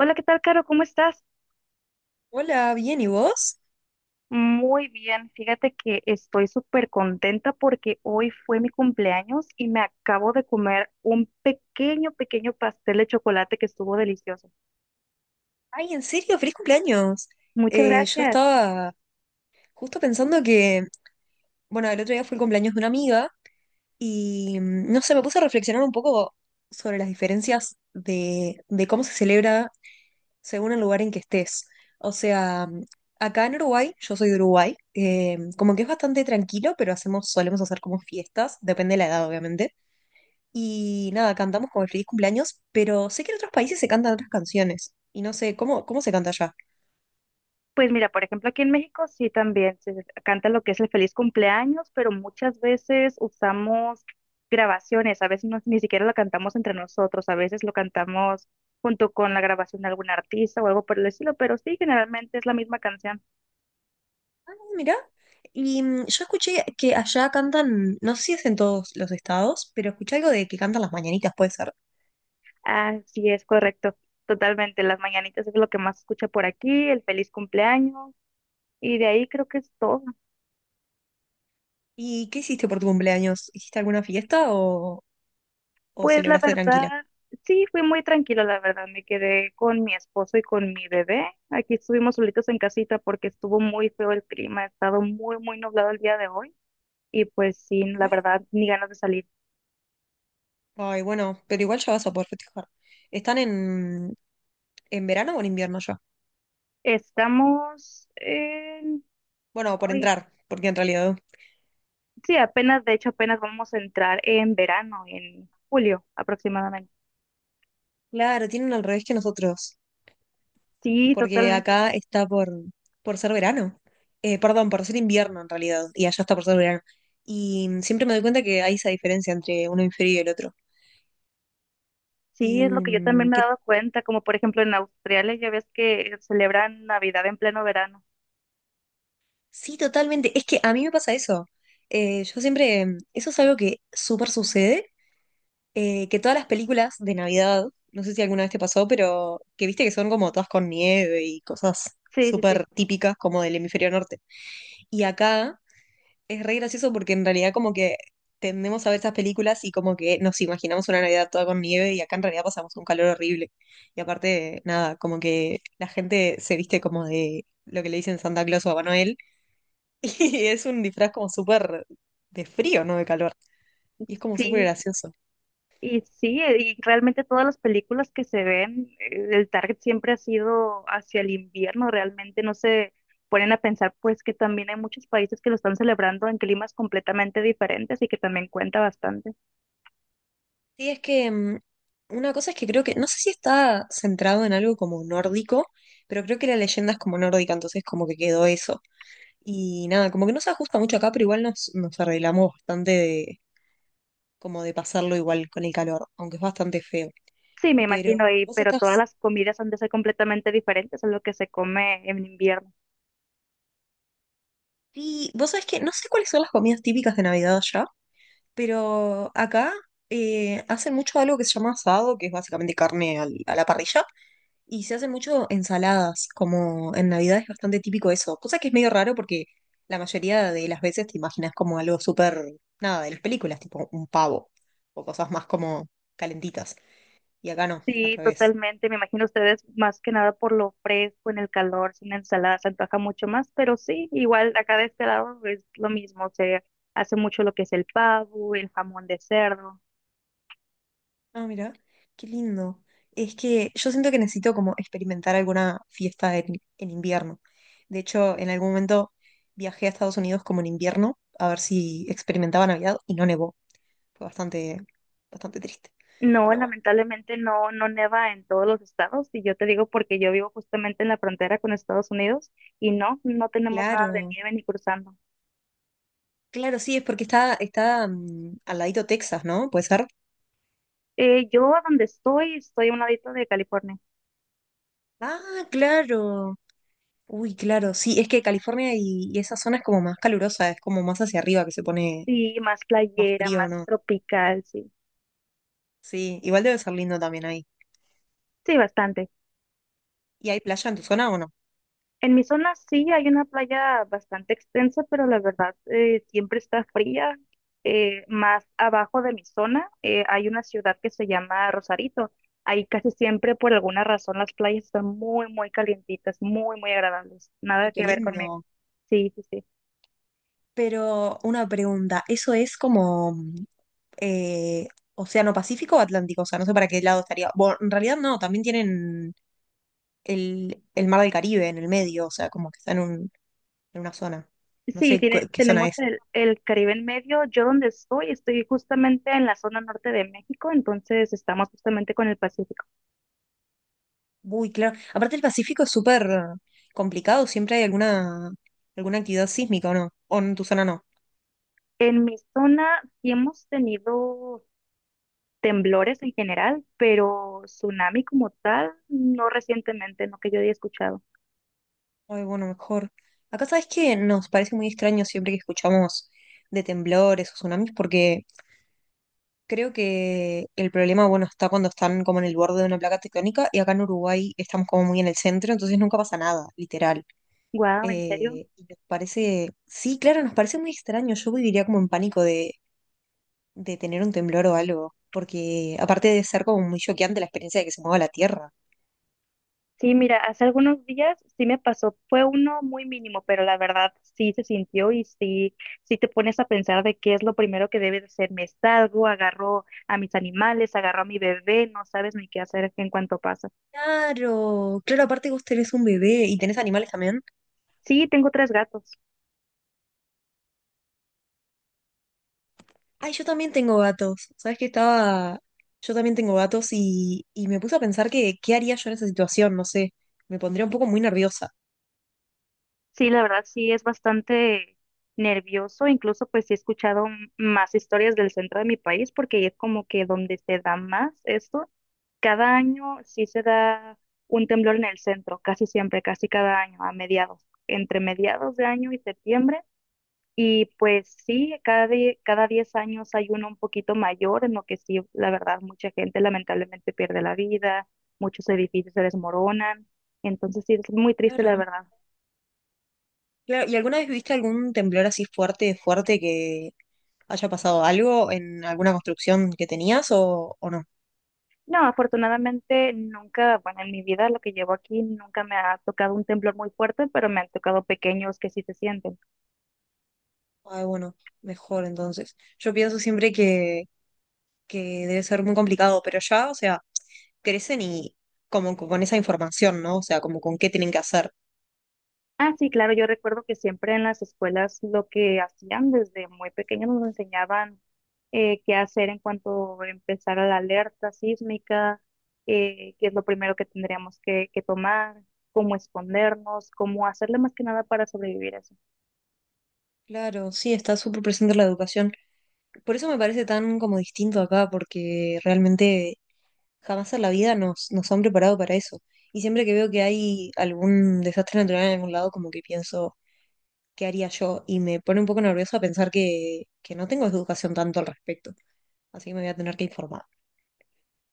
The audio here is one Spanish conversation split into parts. Hola, ¿qué tal, Caro? ¿Cómo estás? Hola, bien, ¿y vos? Muy bien. Fíjate que estoy súper contenta porque hoy fue mi cumpleaños y me acabo de comer un pequeño, pequeño pastel de chocolate que estuvo delicioso. Ay, ¿en serio? ¡Feliz cumpleaños! Muchas Yo gracias. estaba justo pensando que, bueno, el otro día fue el cumpleaños de una amiga y, no sé, me puse a reflexionar un poco sobre las diferencias de cómo se celebra según el lugar en que estés. O sea, acá en Uruguay, yo soy de Uruguay, como que es bastante tranquilo, pero solemos hacer como fiestas, depende de la edad, obviamente. Y nada, cantamos como el feliz cumpleaños, pero sé que en otros países se cantan otras canciones. Y no sé, ¿cómo se canta allá? Pues mira, por ejemplo, aquí en México sí también se canta lo que es el feliz cumpleaños, pero muchas veces usamos grabaciones, a veces ni siquiera lo cantamos entre nosotros, a veces lo cantamos junto con la grabación de algún artista o algo por el estilo, pero sí, generalmente es la misma canción. Ah, mirá. Y yo escuché que allá cantan, no sé si es en todos los estados, pero escuché algo de que cantan las mañanitas, puede ser. Así es, correcto. Totalmente. Las mañanitas es lo que más escucha por aquí, el feliz cumpleaños. Y de ahí creo que es todo. ¿Y qué hiciste por tu cumpleaños? ¿Hiciste alguna fiesta o Pues la celebraste tranquila? verdad, sí, fui muy tranquilo, la verdad. Me quedé con mi esposo y con mi bebé. Aquí estuvimos solitos en casita porque estuvo muy feo el clima. Ha estado muy, muy nublado el día de hoy. Y pues sí, la Ujú. verdad, ni ganas de salir. Ay, bueno, pero igual ya vas a poder festejar. ¿Están en verano o en invierno ya? Estamos en... Bueno, por Ay, entrar, porque en realidad. sí, apenas, de hecho, apenas vamos a entrar en verano, en julio aproximadamente. Claro, tienen al revés que nosotros. Sí, Porque totalmente. acá está por ser verano. Perdón, por ser invierno en realidad, y allá está por ser verano. Y siempre me doy cuenta que hay esa diferencia entre un hemisferio y el otro. Sí, es lo Y que yo también me he que dado cuenta, como por ejemplo en Australia ya ves que celebran Navidad en pleno verano. sí, totalmente. Es que a mí me pasa eso. Yo siempre, eso es algo que súper sucede, que todas las películas de Navidad, no sé si alguna vez te pasó, pero que viste que son como todas con nieve y cosas Sí, sí, sí. súper típicas como del hemisferio norte. Y acá es re gracioso porque en realidad como que tendemos a ver esas películas y como que nos imaginamos una Navidad toda con nieve y acá en realidad pasamos un calor horrible. Y aparte, nada, como que la gente se viste como de lo que le dicen Santa Claus o Papá Noel y es un disfraz como súper de frío, no de calor. Y es como súper Sí, gracioso. y sí, y realmente todas las películas que se ven, el target siempre ha sido hacia el invierno, realmente no se ponen a pensar pues que también hay muchos países que lo están celebrando en climas completamente diferentes y que también cuenta bastante. Sí, es que una cosa es que creo que, no sé si está centrado en algo como nórdico, pero creo que la leyenda es como nórdica, entonces como que quedó eso. Y nada, como que no se ajusta mucho acá, pero igual nos arreglamos bastante de, como de pasarlo igual con el calor, aunque es bastante feo. Sí, me Pero imagino, y vos pero todas estás. las comidas han de ser completamente diferentes a lo que se come en invierno. Sí, vos sabés que no sé cuáles son las comidas típicas de Navidad allá, pero acá hacen mucho algo que se llama asado, que es básicamente carne a la parrilla, y se hacen mucho ensaladas, como en Navidad es bastante típico eso, cosa que es medio raro porque la mayoría de las veces te imaginas como algo súper, nada, de las películas, tipo un pavo o cosas más como calentitas. Y acá no, al Sí, revés. totalmente. Me imagino ustedes más que nada por lo fresco, en el calor, sin ensalada, se antoja mucho más, pero sí, igual acá de este lado es lo mismo. Se hace mucho lo que es el pavo, el jamón de cerdo. Ah, mira, qué lindo. Es que yo siento que necesito como experimentar alguna fiesta en invierno. De hecho, en algún momento viajé a Estados Unidos como en invierno a ver si experimentaba Navidad y no nevó. Fue bastante, bastante triste. No, Pero bueno. lamentablemente no, no neva en todos los estados, y yo te digo porque yo vivo justamente en la frontera con Estados Unidos y no, no tenemos nada de Claro, nieve ni cruzando. claro, sí, es porque está al ladito Texas, ¿no? ¿Puede ser? Yo a donde estoy, estoy a un ladito de California. Ah, claro. Uy, claro, sí, es que California y esa zona es como más calurosa, es como más hacia arriba que se pone Sí, más más playera, frío, más ¿no? tropical, sí. Sí, igual debe ser lindo también ahí. Sí, bastante. ¿Y hay playa en tu zona o no? En mi zona sí hay una playa bastante extensa, pero la verdad siempre está fría. Más abajo de mi zona hay una ciudad que se llama Rosarito. Ahí casi siempre, por alguna razón, las playas están muy, muy calientitas, muy, muy agradables. Nada Ay, qué que ver lindo. conmigo. Sí, sí, sí. Pero una pregunta, ¿eso es como eh, Océano Pacífico o Atlántico? O sea, no sé para qué lado estaría. Bueno, en realidad no, también tienen el Mar del Caribe en el medio, o sea, como que está en una zona. No Sí, sé tiene, qué zona tenemos es. el Caribe en medio. Yo donde estoy, estoy justamente en la zona norte de México, entonces estamos justamente con el Pacífico. Uy, claro. Aparte el Pacífico es súper complicado, siempre hay alguna actividad sísmica, ¿o no? ¿O en tu zona no? En mi zona sí hemos tenido temblores en general, pero tsunami como tal, no recientemente, no que yo haya escuchado. Ay, bueno, mejor. Acá sabes que nos parece muy extraño siempre que escuchamos de temblores o tsunamis, porque creo que el problema, bueno, está cuando están como en el borde de una placa tectónica y acá en Uruguay estamos como muy en el centro, entonces nunca pasa nada, literal. Guau, ¿en serio? Y nos parece, sí, claro, nos parece muy extraño. Yo viviría como en pánico de tener un temblor o algo, porque aparte de ser como muy choqueante la experiencia de que se mueva la tierra. Sí, mira, hace algunos días sí me pasó, fue uno muy mínimo, pero la verdad sí se sintió y sí, sí te pones a pensar de qué es lo primero que debes hacer. Me salgo, agarro a mis animales, agarro a mi bebé, no sabes ni qué hacer en cuanto pasa. Claro, claro, aparte vos tenés un bebé y tenés animales también. Sí, tengo tres gatos. Ay, yo también tengo gatos. Sabes que estaba. Yo también tengo gatos y me puse a pensar que qué haría yo en esa situación, no sé. Me pondría un poco muy nerviosa. Sí, la verdad sí es bastante nervioso, incluso pues sí he escuchado más historias del centro de mi país porque es como que donde se da más esto. Cada año sí se da un temblor en el centro, casi siempre, casi cada año, a mediados, entre mediados de año y septiembre. Y pues sí, cada, cada 10 años hay uno un poquito mayor en lo que sí, la verdad, mucha gente lamentablemente pierde la vida, muchos edificios se desmoronan. Entonces sí, es muy triste, la Claro. verdad. Claro. ¿Y alguna vez viste algún temblor así fuerte, fuerte que haya pasado algo en alguna construcción que tenías o no? No, afortunadamente nunca, bueno, en mi vida, lo que llevo aquí, nunca me ha tocado un temblor muy fuerte, pero me han tocado pequeños que sí se sienten. Ay, bueno, mejor entonces. Yo pienso siempre que debe ser muy complicado, pero ya, o sea, crecen y como con esa información, ¿no? O sea, como con qué tienen que hacer. Ah, sí, claro, yo recuerdo que siempre en las escuelas lo que hacían desde muy pequeños nos enseñaban qué hacer en cuanto empezara la alerta sísmica, qué es lo primero que tendríamos que, tomar, cómo escondernos, cómo hacerle más que nada para sobrevivir eso. Claro, sí, está súper presente la educación. Por eso me parece tan como distinto acá, porque realmente jamás en la vida nos han preparado para eso. Y siempre que veo que hay algún desastre natural en algún lado, como que pienso, ¿qué haría yo? Y me pone un poco nerviosa pensar que no tengo educación tanto al respecto. Así que me voy a tener que informar.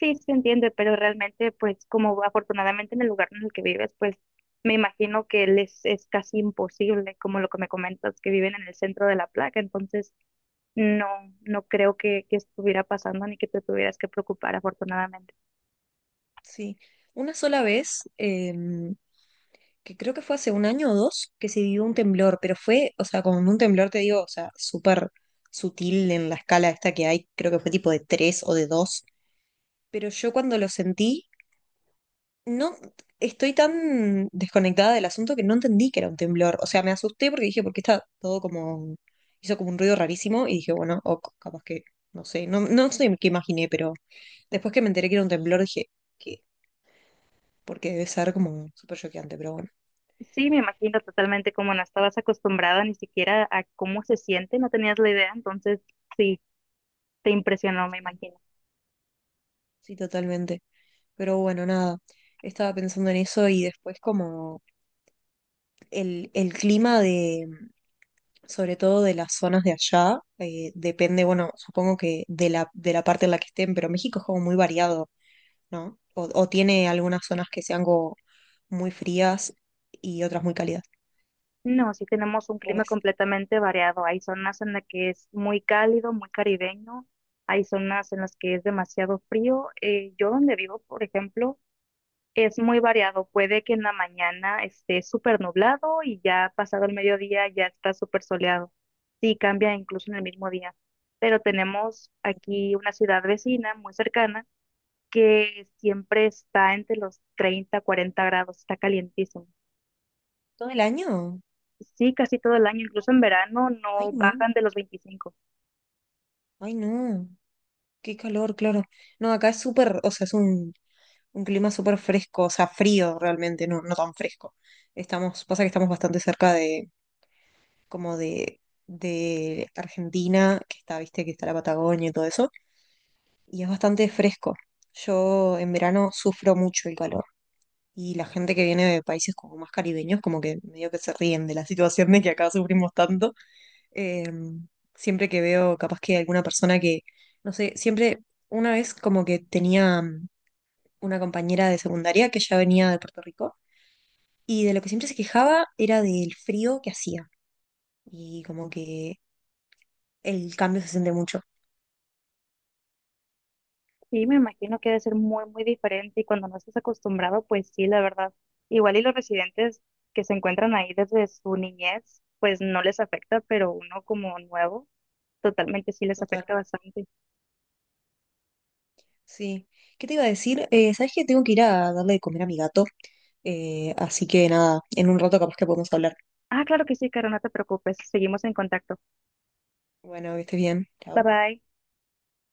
Sí, sí se entiende, pero realmente, pues, como afortunadamente en el lugar en el que vives, pues, me imagino que les es casi imposible, como lo que me comentas, que viven en el centro de la placa, entonces no, no creo que, estuviera pasando ni que te tuvieras que preocupar, afortunadamente. Sí. Una sola vez, que creo que fue hace un año o dos, que se vivió un temblor, pero fue, o sea, con un temblor te digo, o sea, súper sutil en la escala esta que hay, creo que fue tipo de tres o de dos pero yo cuando lo sentí, no estoy tan desconectada del asunto que no entendí que era un temblor. O sea, me asusté porque dije, porque está todo como, hizo como un ruido rarísimo y dije, bueno, o capaz que, no sé, no, no sé qué imaginé, pero después que me enteré que era un temblor dije, ¿qué? Porque debe ser como súper choqueante, pero bueno, Sí, me imagino totalmente, como no estabas acostumbrada ni siquiera a cómo se siente, no tenías la idea, entonces sí, te impresionó, me sí, imagino. sí, totalmente. Pero bueno, nada, estaba pensando en eso y después como el clima de sobre todo de las zonas de allá. Depende, bueno, supongo que de la parte en la que estén, pero México es como muy variado, ¿no? O tiene algunas zonas que sean como muy frías y otras muy cálidas. No, sí tenemos un clima Pues, completamente variado. Hay zonas en las que es muy cálido, muy caribeño. Hay zonas en las que es demasiado frío. Yo donde vivo, por ejemplo, es muy variado. Puede que en la mañana esté súper nublado y ya pasado el mediodía ya está súper soleado. Sí, cambia incluso en el mismo día. Pero tenemos aquí una ciudad vecina muy cercana que siempre está entre los 30, 40 grados. Está calientísimo. ¿todo el año? Sí, casi todo el año, incluso en verano Ay, no no, bajan de los 25. ay, no. Qué calor, claro. No, acá es súper, o sea, es un clima súper fresco, o sea, frío realmente, no, no tan fresco. Pasa que estamos bastante cerca como de, de Argentina, que está, viste, que está la Patagonia y todo eso. Y es bastante fresco. Yo en verano sufro mucho el calor y la gente que viene de países como más caribeños, como que medio que se ríen de la situación de que acá sufrimos tanto. Eh, siempre que veo capaz que alguna persona que, no sé, siempre una vez como que tenía una compañera de secundaria que ya venía de Puerto Rico y de lo que siempre se quejaba era del frío que hacía y como que el cambio se siente mucho. Y me imagino que debe ser muy, muy diferente y cuando no estás acostumbrado, pues sí, la verdad. Igual y los residentes que se encuentran ahí desde su niñez, pues no les afecta, pero uno como nuevo, totalmente sí les Total. afecta bastante. Sí. ¿Qué te iba a decir? ¿Sabes que tengo que ir a darle de comer a mi gato? Así que nada, en un rato capaz que podemos hablar. Ah, claro que sí, Caro, no te preocupes, seguimos en contacto. Bueno, que estés bien. Bye Chao. bye.